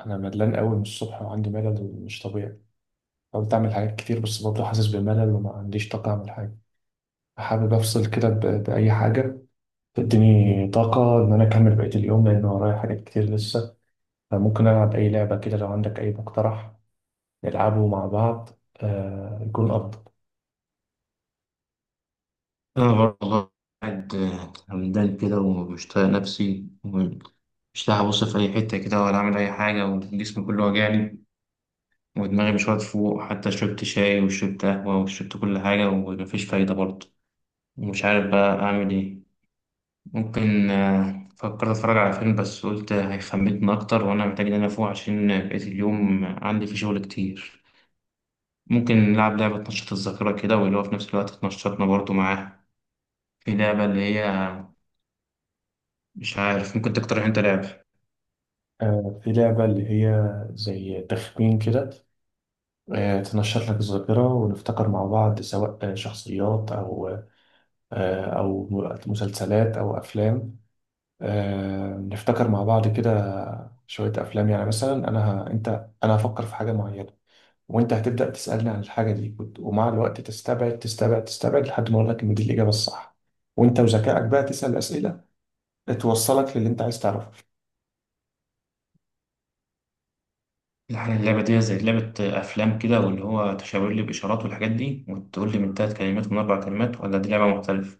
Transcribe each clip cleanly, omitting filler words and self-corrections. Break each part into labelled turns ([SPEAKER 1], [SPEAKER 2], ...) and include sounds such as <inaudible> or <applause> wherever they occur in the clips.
[SPEAKER 1] انا ملان قوي من الصبح وعندي ملل مش طبيعي. حاولت اعمل حاجات كتير بس برضه حاسس بملل وما عنديش طاقه اعمل حاجه. حابب افصل كده باي حاجه تديني طاقه ان انا اكمل بقيه اليوم لان ورايا حاجات كتير لسه. فممكن العب اي لعبه كده لو عندك اي مقترح نلعبه مع بعض. آه، يكون افضل.
[SPEAKER 2] أنا برضه قاعد همدان كده ومش طايق نفسي ومش لاقي أبص في أي حتة كده ولا أعمل أي حاجة، وجسمي كله واجعني ودماغي مش واقف فوق. حتى شربت شاي وشربت قهوة وشربت كل حاجة ومفيش فايدة برضه، ومش عارف بقى أعمل إيه. ممكن فكرت أتفرج على فيلم بس قلت هيخمتني أكتر وأنا محتاج إن أنا أفوق عشان بقيت اليوم عندي فيه شغل كتير. ممكن نلعب لعبة تنشط الذاكرة كده واللي هو في نفس الوقت تنشطنا برضه معاها. في لعبة اللي هي مش عارف، ممكن تقترح انت لعبة.
[SPEAKER 1] آه، في لعبه اللي هي زي تخمين كده. تنشط لك الذاكرة ونفتكر مع بعض، سواء شخصيات أو أو مسلسلات أو أفلام. نفتكر مع بعض كده شوية أفلام، يعني مثلا أنا ه... أنت أنا هفكر في حاجة معينة، وأنت هتبدأ تسألني عن الحاجة دي ومع الوقت تستبعد لحد ما أقول لك إن دي الإجابة الصح. وأنت وذكائك بقى تسأل أسئلة توصلك للي أنت عايز تعرفه.
[SPEAKER 2] يعني اللعبة دي زي لعبة أفلام كده واللي هو تشاور لي بإشارات والحاجات دي وتقول لي من تلات كلمات ومن أربع كلمات، ولا دي لعبة مختلفة؟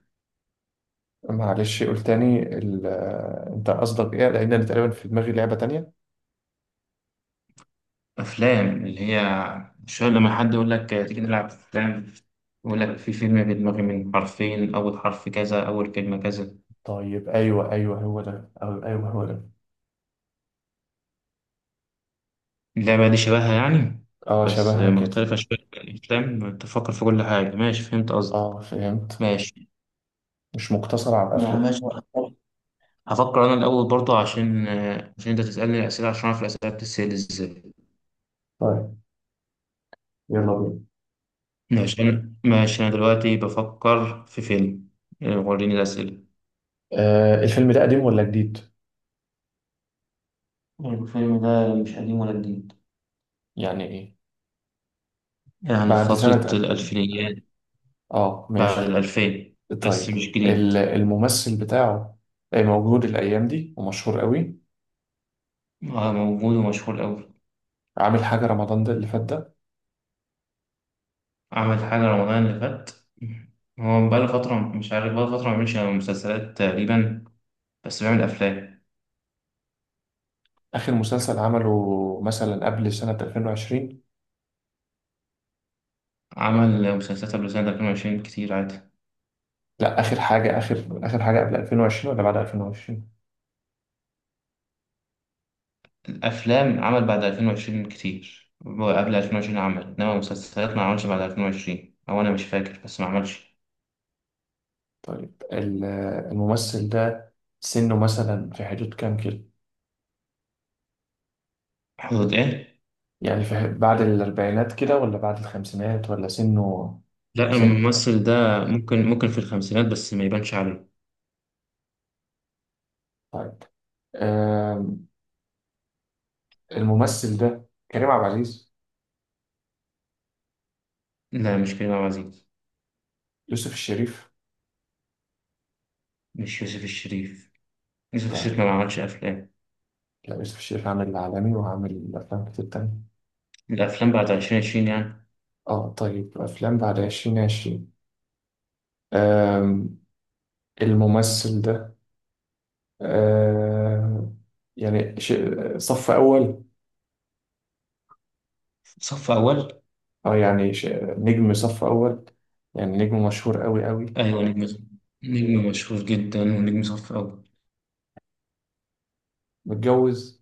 [SPEAKER 1] معلش قول تاني ال... آه، أنت قصدك إيه؟ لأن أنا تقريبا في دماغي لعبة تانية.
[SPEAKER 2] أفلام اللي هي شوية لما حد يقول لك تيجي نلعب أفلام، يقول لك في فيلم في دماغي من حرفين، أول حرف كذا، أول كلمة كذا.
[SPEAKER 1] طيب، أيوه هو ده، أو أيوه هو ده.
[SPEAKER 2] اللعبة دي شبهها يعني
[SPEAKER 1] أه،
[SPEAKER 2] بس
[SPEAKER 1] شبهها كده.
[SPEAKER 2] مختلفة شوية، الأفلام تفكر في كل حاجة. ماشي فهمت قصدك.
[SPEAKER 1] أه، فهمت.
[SPEAKER 2] ماشي.
[SPEAKER 1] مش مقتصر على الأفلام.
[SPEAKER 2] ماشي. هفكر انا الاول برضه عشان عشان انت تسالني اسئله عشان اعرف الاسئله بتتسال ازاي.
[SPEAKER 1] طيب يلا بينا.
[SPEAKER 2] ماشي انا، ماشي انا دلوقتي بفكر في فيلم. وريني الاسئله.
[SPEAKER 1] آه، الفيلم ده قديم ولا جديد؟
[SPEAKER 2] الفيلم ده مش قديم ولا جديد،
[SPEAKER 1] يعني ايه؟
[SPEAKER 2] يعني في
[SPEAKER 1] بعد سنة
[SPEAKER 2] فتره
[SPEAKER 1] قد...
[SPEAKER 2] الالفينيات،
[SPEAKER 1] اه
[SPEAKER 2] بعد
[SPEAKER 1] ماشي.
[SPEAKER 2] الالفين
[SPEAKER 1] طيب،
[SPEAKER 2] بس مش جديد.
[SPEAKER 1] الممثل بتاعه موجود الأيام دي ومشهور قوي؟
[SPEAKER 2] موجود ومشهور قوي.
[SPEAKER 1] عامل حاجة رمضان ده اللي فات ده؟
[SPEAKER 2] عمل حاجه رمضان اللي فات. هو بقاله فتره، مش عارف بقاله فتره ما بيعملش مسلسلات تقريبا، بس بيعمل افلام.
[SPEAKER 1] آخر مسلسل عمله مثلا قبل سنة 2020؟
[SPEAKER 2] عمل مسلسلات قبل سنه 2020 كتير عادي.
[SPEAKER 1] لا، آخر حاجة، آخر حاجة قبل 2020 ولا بعد 2020؟
[SPEAKER 2] أفلام عمل بعد 2020 كتير، هو قبل 2020 عمل إنما مسلسلات ما عملش بعد 2020، أو أنا مش فاكر بس ما عملش.
[SPEAKER 1] طيب، الممثل ده سنه مثلا في حدود كام كده؟
[SPEAKER 2] حدود إيه؟
[SPEAKER 1] يعني بعد الأربعينات كده ولا بعد الخمسينات ولا سنه...
[SPEAKER 2] لا
[SPEAKER 1] سنة...
[SPEAKER 2] الممثل ده ممكن ممكن في الخمسينات بس ما يبانش عليه.
[SPEAKER 1] طيب الممثل ده كريم عبد العزيز؟
[SPEAKER 2] لا مش كريم عبد العزيز.
[SPEAKER 1] يوسف الشريف؟
[SPEAKER 2] مش يوسف الشريف، يوسف الشريف
[SPEAKER 1] طيب،
[SPEAKER 2] ما عملش أفلام.
[SPEAKER 1] لا يوسف الشريف عامل العالمي وعامل أفلام كتير تانية.
[SPEAKER 2] الأفلام بعد 2020 يعني.
[SPEAKER 1] اه طيب، أفلام بعد عشرين عشرين. آم، الممثل ده، آم، يعني صف أول؟
[SPEAKER 2] صف أول.
[SPEAKER 1] اه يعني نجم صف أول، يعني نجم مشهور أوي أوي؟
[SPEAKER 2] أيوة نجم، نجم مشهور جدا ونجم صف أول.
[SPEAKER 1] متجوز؟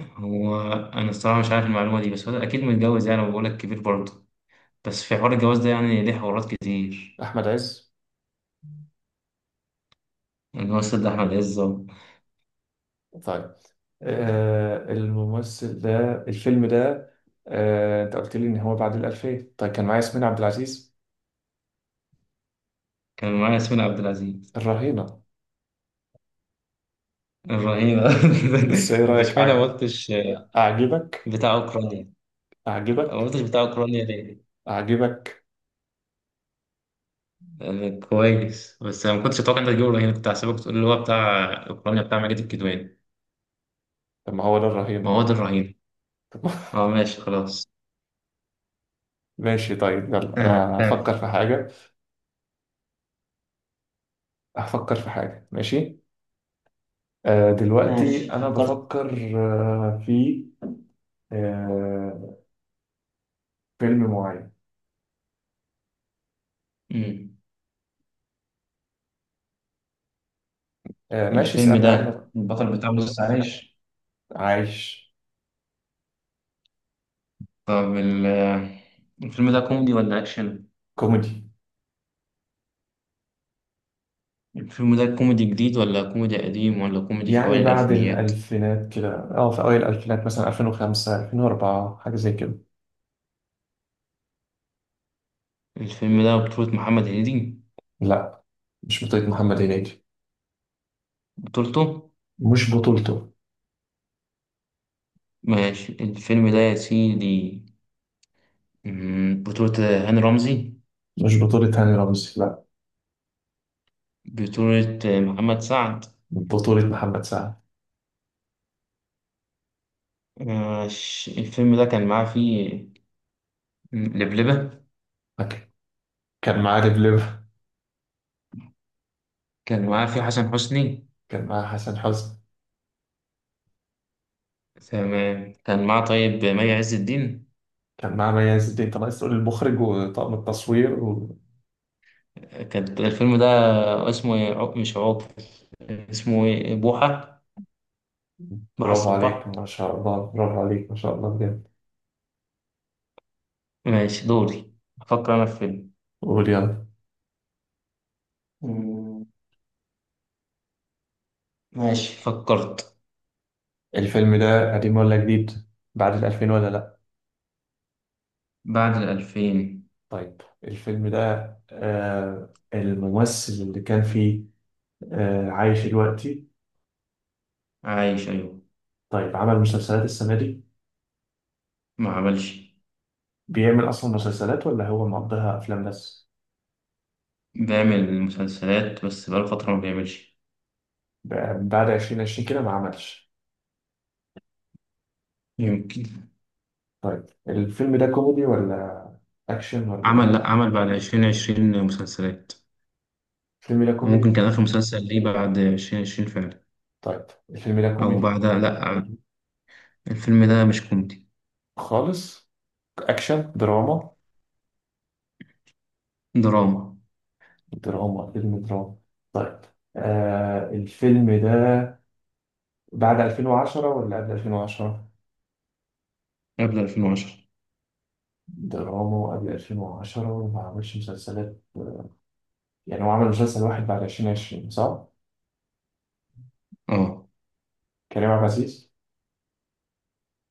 [SPEAKER 2] هو أنا الصراحة مش عارف المعلومة دي، بس هو أكيد متجوز يعني، وبقولك كبير برضه، بس في حوار الجواز ده يعني ليه حوارات كتير.
[SPEAKER 1] أحمد عز؟
[SPEAKER 2] الممثل ده أحمد عز أهو.
[SPEAKER 1] طيب، آه الممثل ده، الفيلم ده، آه أنت قلت لي إن هو بعد الألفية. طيب، كان معايا ياسمين عبد العزيز؟
[SPEAKER 2] كان معايا ياسمين عبد العزيز
[SPEAKER 1] الرهينة؟
[SPEAKER 2] الرهيبة.
[SPEAKER 1] بس ايه
[SPEAKER 2] <laughs>
[SPEAKER 1] رأيك؟
[SPEAKER 2] مش معنى ما
[SPEAKER 1] أع-
[SPEAKER 2] قلتش
[SPEAKER 1] أعجبك
[SPEAKER 2] بتاع أوكرانيا. ما
[SPEAKER 1] أعجبك؟
[SPEAKER 2] قلتش بتاع أوكرانيا ليه؟
[SPEAKER 1] أعجبك؟
[SPEAKER 2] لأن كويس، بس أنا ما كنتش أتوقع إنك تجيب الرهينة، كنت هحسبك تقول اللي هو بتاع أوكرانيا بتاع ماجد الكدواني.
[SPEAKER 1] طب ما هو ده
[SPEAKER 2] ما
[SPEAKER 1] الرهينة.
[SPEAKER 2] هو ده الرهينة.
[SPEAKER 1] طب
[SPEAKER 2] أه ماشي خلاص.
[SPEAKER 1] <laughs> ماشي، طيب يلا أنا
[SPEAKER 2] تمام.
[SPEAKER 1] هفكر في حاجة. هفكر في حاجة. ماشي، آه دلوقتي
[SPEAKER 2] ماشي
[SPEAKER 1] أنا
[SPEAKER 2] فكرت.
[SPEAKER 1] بفكر، في آه فيلم معين.
[SPEAKER 2] مم.
[SPEAKER 1] آه، ماشي
[SPEAKER 2] الفيلم
[SPEAKER 1] اسألني عنه
[SPEAKER 2] ده
[SPEAKER 1] بقى.
[SPEAKER 2] البطل بتاعه لسه عايش.
[SPEAKER 1] عايش.
[SPEAKER 2] طب ال- الفيلم ده كوميدي ولا أكشن؟
[SPEAKER 1] كوميدي.
[SPEAKER 2] الفيلم ده كوميدي جديد ولا كوميدي قديم ولا كوميدي في
[SPEAKER 1] يعني
[SPEAKER 2] أوائل
[SPEAKER 1] بعد
[SPEAKER 2] الألفينيات؟
[SPEAKER 1] الألفينات كده، أه في أوائل الألفينات مثلا 2005 2004 حاجة زي كده.
[SPEAKER 2] الفيلم ده بطولة محمد هنيدي.
[SPEAKER 1] لا، مش بطولة محمد هنيدي.
[SPEAKER 2] بطولته.
[SPEAKER 1] مش بطولته.
[SPEAKER 2] ماشي الفيلم ده يا سيدي، بطولة هاني رمزي.
[SPEAKER 1] مش بطولة هاني رمزي.
[SPEAKER 2] بطولة محمد سعد.
[SPEAKER 1] بطولة محمد سعد.
[SPEAKER 2] ماشي. الفيلم ده كان معاه فيه لبلبة.
[SPEAKER 1] فك- كان معاه لبلبة.
[SPEAKER 2] كان معاه فيه حسن حسني.
[SPEAKER 1] كان معاه حسن حسني.
[SPEAKER 2] تمام كان معاه طيب مي عز الدين.
[SPEAKER 1] كان معاه مي عز الدين. طب عايز تقول المخرج وطاقم التصوير و...
[SPEAKER 2] كان الفيلم ده اسمه إيه؟ مش عوض. اسمه ايه؟ بوحة. بوحة
[SPEAKER 1] برافو عليك
[SPEAKER 2] الصباح.
[SPEAKER 1] ما شاء الله، برافو عليك ما شاء الله بجد.
[SPEAKER 2] ماشي دوري. أفكر أنا في فيلم.
[SPEAKER 1] قول يلا.
[SPEAKER 2] مم، ماشي فكرت.
[SPEAKER 1] الفيلم ده قديم ولا جديد؟ بعد الألفين ولا لأ؟
[SPEAKER 2] بعد الألفين.
[SPEAKER 1] طيب الفيلم ده، الممثل اللي كان فيه عايش دلوقتي؟
[SPEAKER 2] عايش أيوة.
[SPEAKER 1] طيب عمل مسلسلات السنة دي؟
[SPEAKER 2] ما عملش.
[SPEAKER 1] بيعمل أصلا مسلسلات ولا هو مقضيها أفلام بس؟
[SPEAKER 2] بيعمل مسلسلات بس بقاله فترة ما بيعملش.
[SPEAKER 1] بعد 2020 كده ما عملش؟
[SPEAKER 2] يمكن.
[SPEAKER 1] طيب الفيلم ده كوميدي ولا اكشن ولا
[SPEAKER 2] عمل،
[SPEAKER 1] ايه؟
[SPEAKER 2] لأ عمل بعد 2020 مسلسلات.
[SPEAKER 1] الفيلم ده
[SPEAKER 2] ممكن
[SPEAKER 1] كوميدي.
[SPEAKER 2] كان آخر مسلسل ليه بعد 2020 فعلا،
[SPEAKER 1] طيب الفيلم ده
[SPEAKER 2] أو
[SPEAKER 1] كوميدي
[SPEAKER 2] بعدها لأ. الفيلم ده مش كوميدي.
[SPEAKER 1] خالص؟ اكشن، دراما؟
[SPEAKER 2] دراما.
[SPEAKER 1] دراما، فيلم دراما. طيب، آه الفيلم ده بعد 2010 ولا قبل 2010؟
[SPEAKER 2] قبل 2010.
[SPEAKER 1] دراما وقبل 2010 وما عملش مسلسلات، يعني هو عمل مسلسل واحد بعد 2020 صح؟
[SPEAKER 2] اه.
[SPEAKER 1] كريم عبد العزيز؟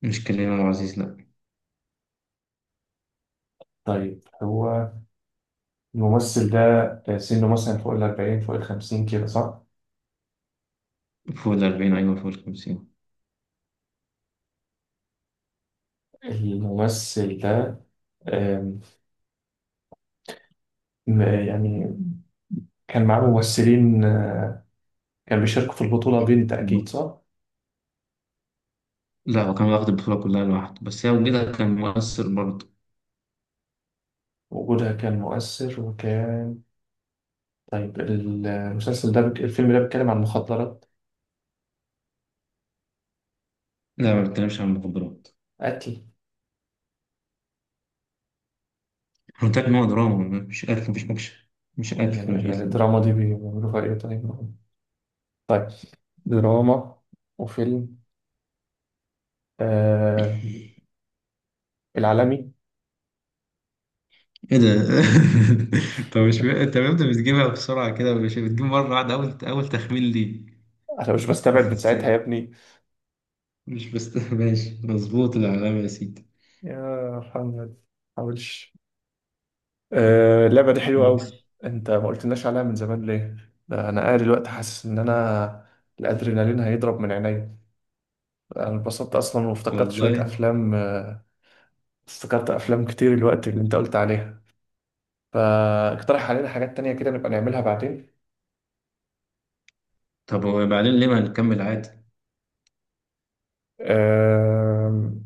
[SPEAKER 2] مش كريم عبد العزيز لأ.
[SPEAKER 1] طيب هو الممثل ده، سنه مثلا فوق ال 40، فوق ال 50 كده صح؟
[SPEAKER 2] فوق الأربعين أيوة فوق الخمسين.
[SPEAKER 1] الممثل ده يعني كان معاه ممثلين، كان بيشاركوا في البطولة بنت أكيد صح؟
[SPEAKER 2] لا هو كان واخد البطولة كلها لوحده، بس هي وجودها كان مؤثر برضه.
[SPEAKER 1] وجودها كان مؤثر وكان... طيب المسلسل ده الفيلم ده بيتكلم عن مخدرات؟
[SPEAKER 2] لا ما بتكلمش عن المخدرات.
[SPEAKER 1] قتل؟
[SPEAKER 2] احنا قلت لك إن هو دراما مش قتل، مفيش اكشن. مش قتل، مش
[SPEAKER 1] يعني
[SPEAKER 2] قتل.
[SPEAKER 1] الدراما دي بيعملوا فيها إيه طيب؟ طيب، دراما وفيلم آه... العالمي.
[SPEAKER 2] ايه ده! <laughs> طب مش م- انت امتى بتجيبها بسرعة كده؟ مش بتجيب مرة واحدة اول، تخمين ليك
[SPEAKER 1] أنا مش بستبعد من
[SPEAKER 2] بس.
[SPEAKER 1] ساعتها يا ابني.
[SPEAKER 2] مش بس. <laughs> ماشي مظبوط، العلامة يا سيدي.
[SPEAKER 1] يا محمد ما تحاولش. اللعبة دي حلوة أوي، أنت ما قلتلناش عليها من زمان ليه؟ ده أنا قاعد دلوقتي حاسس إن أنا الأدرينالين هيضرب من عينيا. أنا اتبسطت أصلا وافتكرت شوية
[SPEAKER 2] والله.
[SPEAKER 1] أفلام. افتكرت أفلام كتير الوقت اللي أنت قلت عليها. فاقترح علينا حاجات تانية كده نبقى نعملها بعدين.
[SPEAKER 2] طب وبعدين ليه ما نكمل عادي؟
[SPEAKER 1] آم،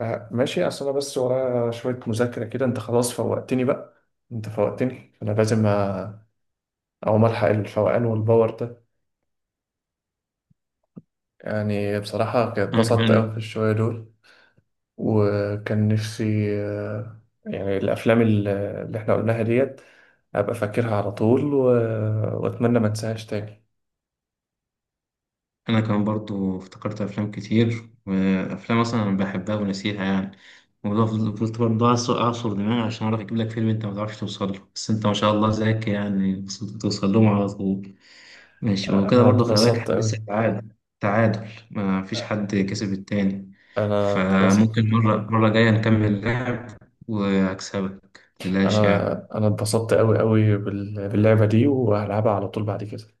[SPEAKER 1] آه، ماشي، أصل أنا بس ورايا شوية مذاكرة كده. أنت خلاص فوقتني بقى، أنت فوقتني، أنا لازم أقوم ألحق الفوقان والباور ده. يعني بصراحة كانت
[SPEAKER 2] انا
[SPEAKER 1] اتبسطت أوي في
[SPEAKER 2] كمان.
[SPEAKER 1] الشوية دول، وكان نفسي يعني الأفلام اللي احنا قلناها ديت أبقى فاكرها على طول و... وأتمنى ما انساهاش تاني.
[SPEAKER 2] انا كمان برضو افتكرت افلام كتير، وافلام اصلا انا بحبها ونسيها يعني. وفضلت برضو أعصر، أعصر دماغي عشان أعرف أجيب لك فيلم أنت ما تعرفش توصل له، بس أنت ما شاء الله ذكي يعني وصلت توصل لهم على طول. ماشي وكده
[SPEAKER 1] أنا
[SPEAKER 2] برضو خلي بالك
[SPEAKER 1] اتبسطت
[SPEAKER 2] إحنا لسه
[SPEAKER 1] أوي.
[SPEAKER 2] تعادل، تعادل ما فيش حد كسب التاني.
[SPEAKER 1] أنا اتبسطت.
[SPEAKER 2] فممكن مرة جاية نكمل لعب وأكسبك متقلقش
[SPEAKER 1] أنا
[SPEAKER 2] يعني.
[SPEAKER 1] أنا اتبسطت أوي أوي باللعبة دي وهلعبها على طول بعد كده.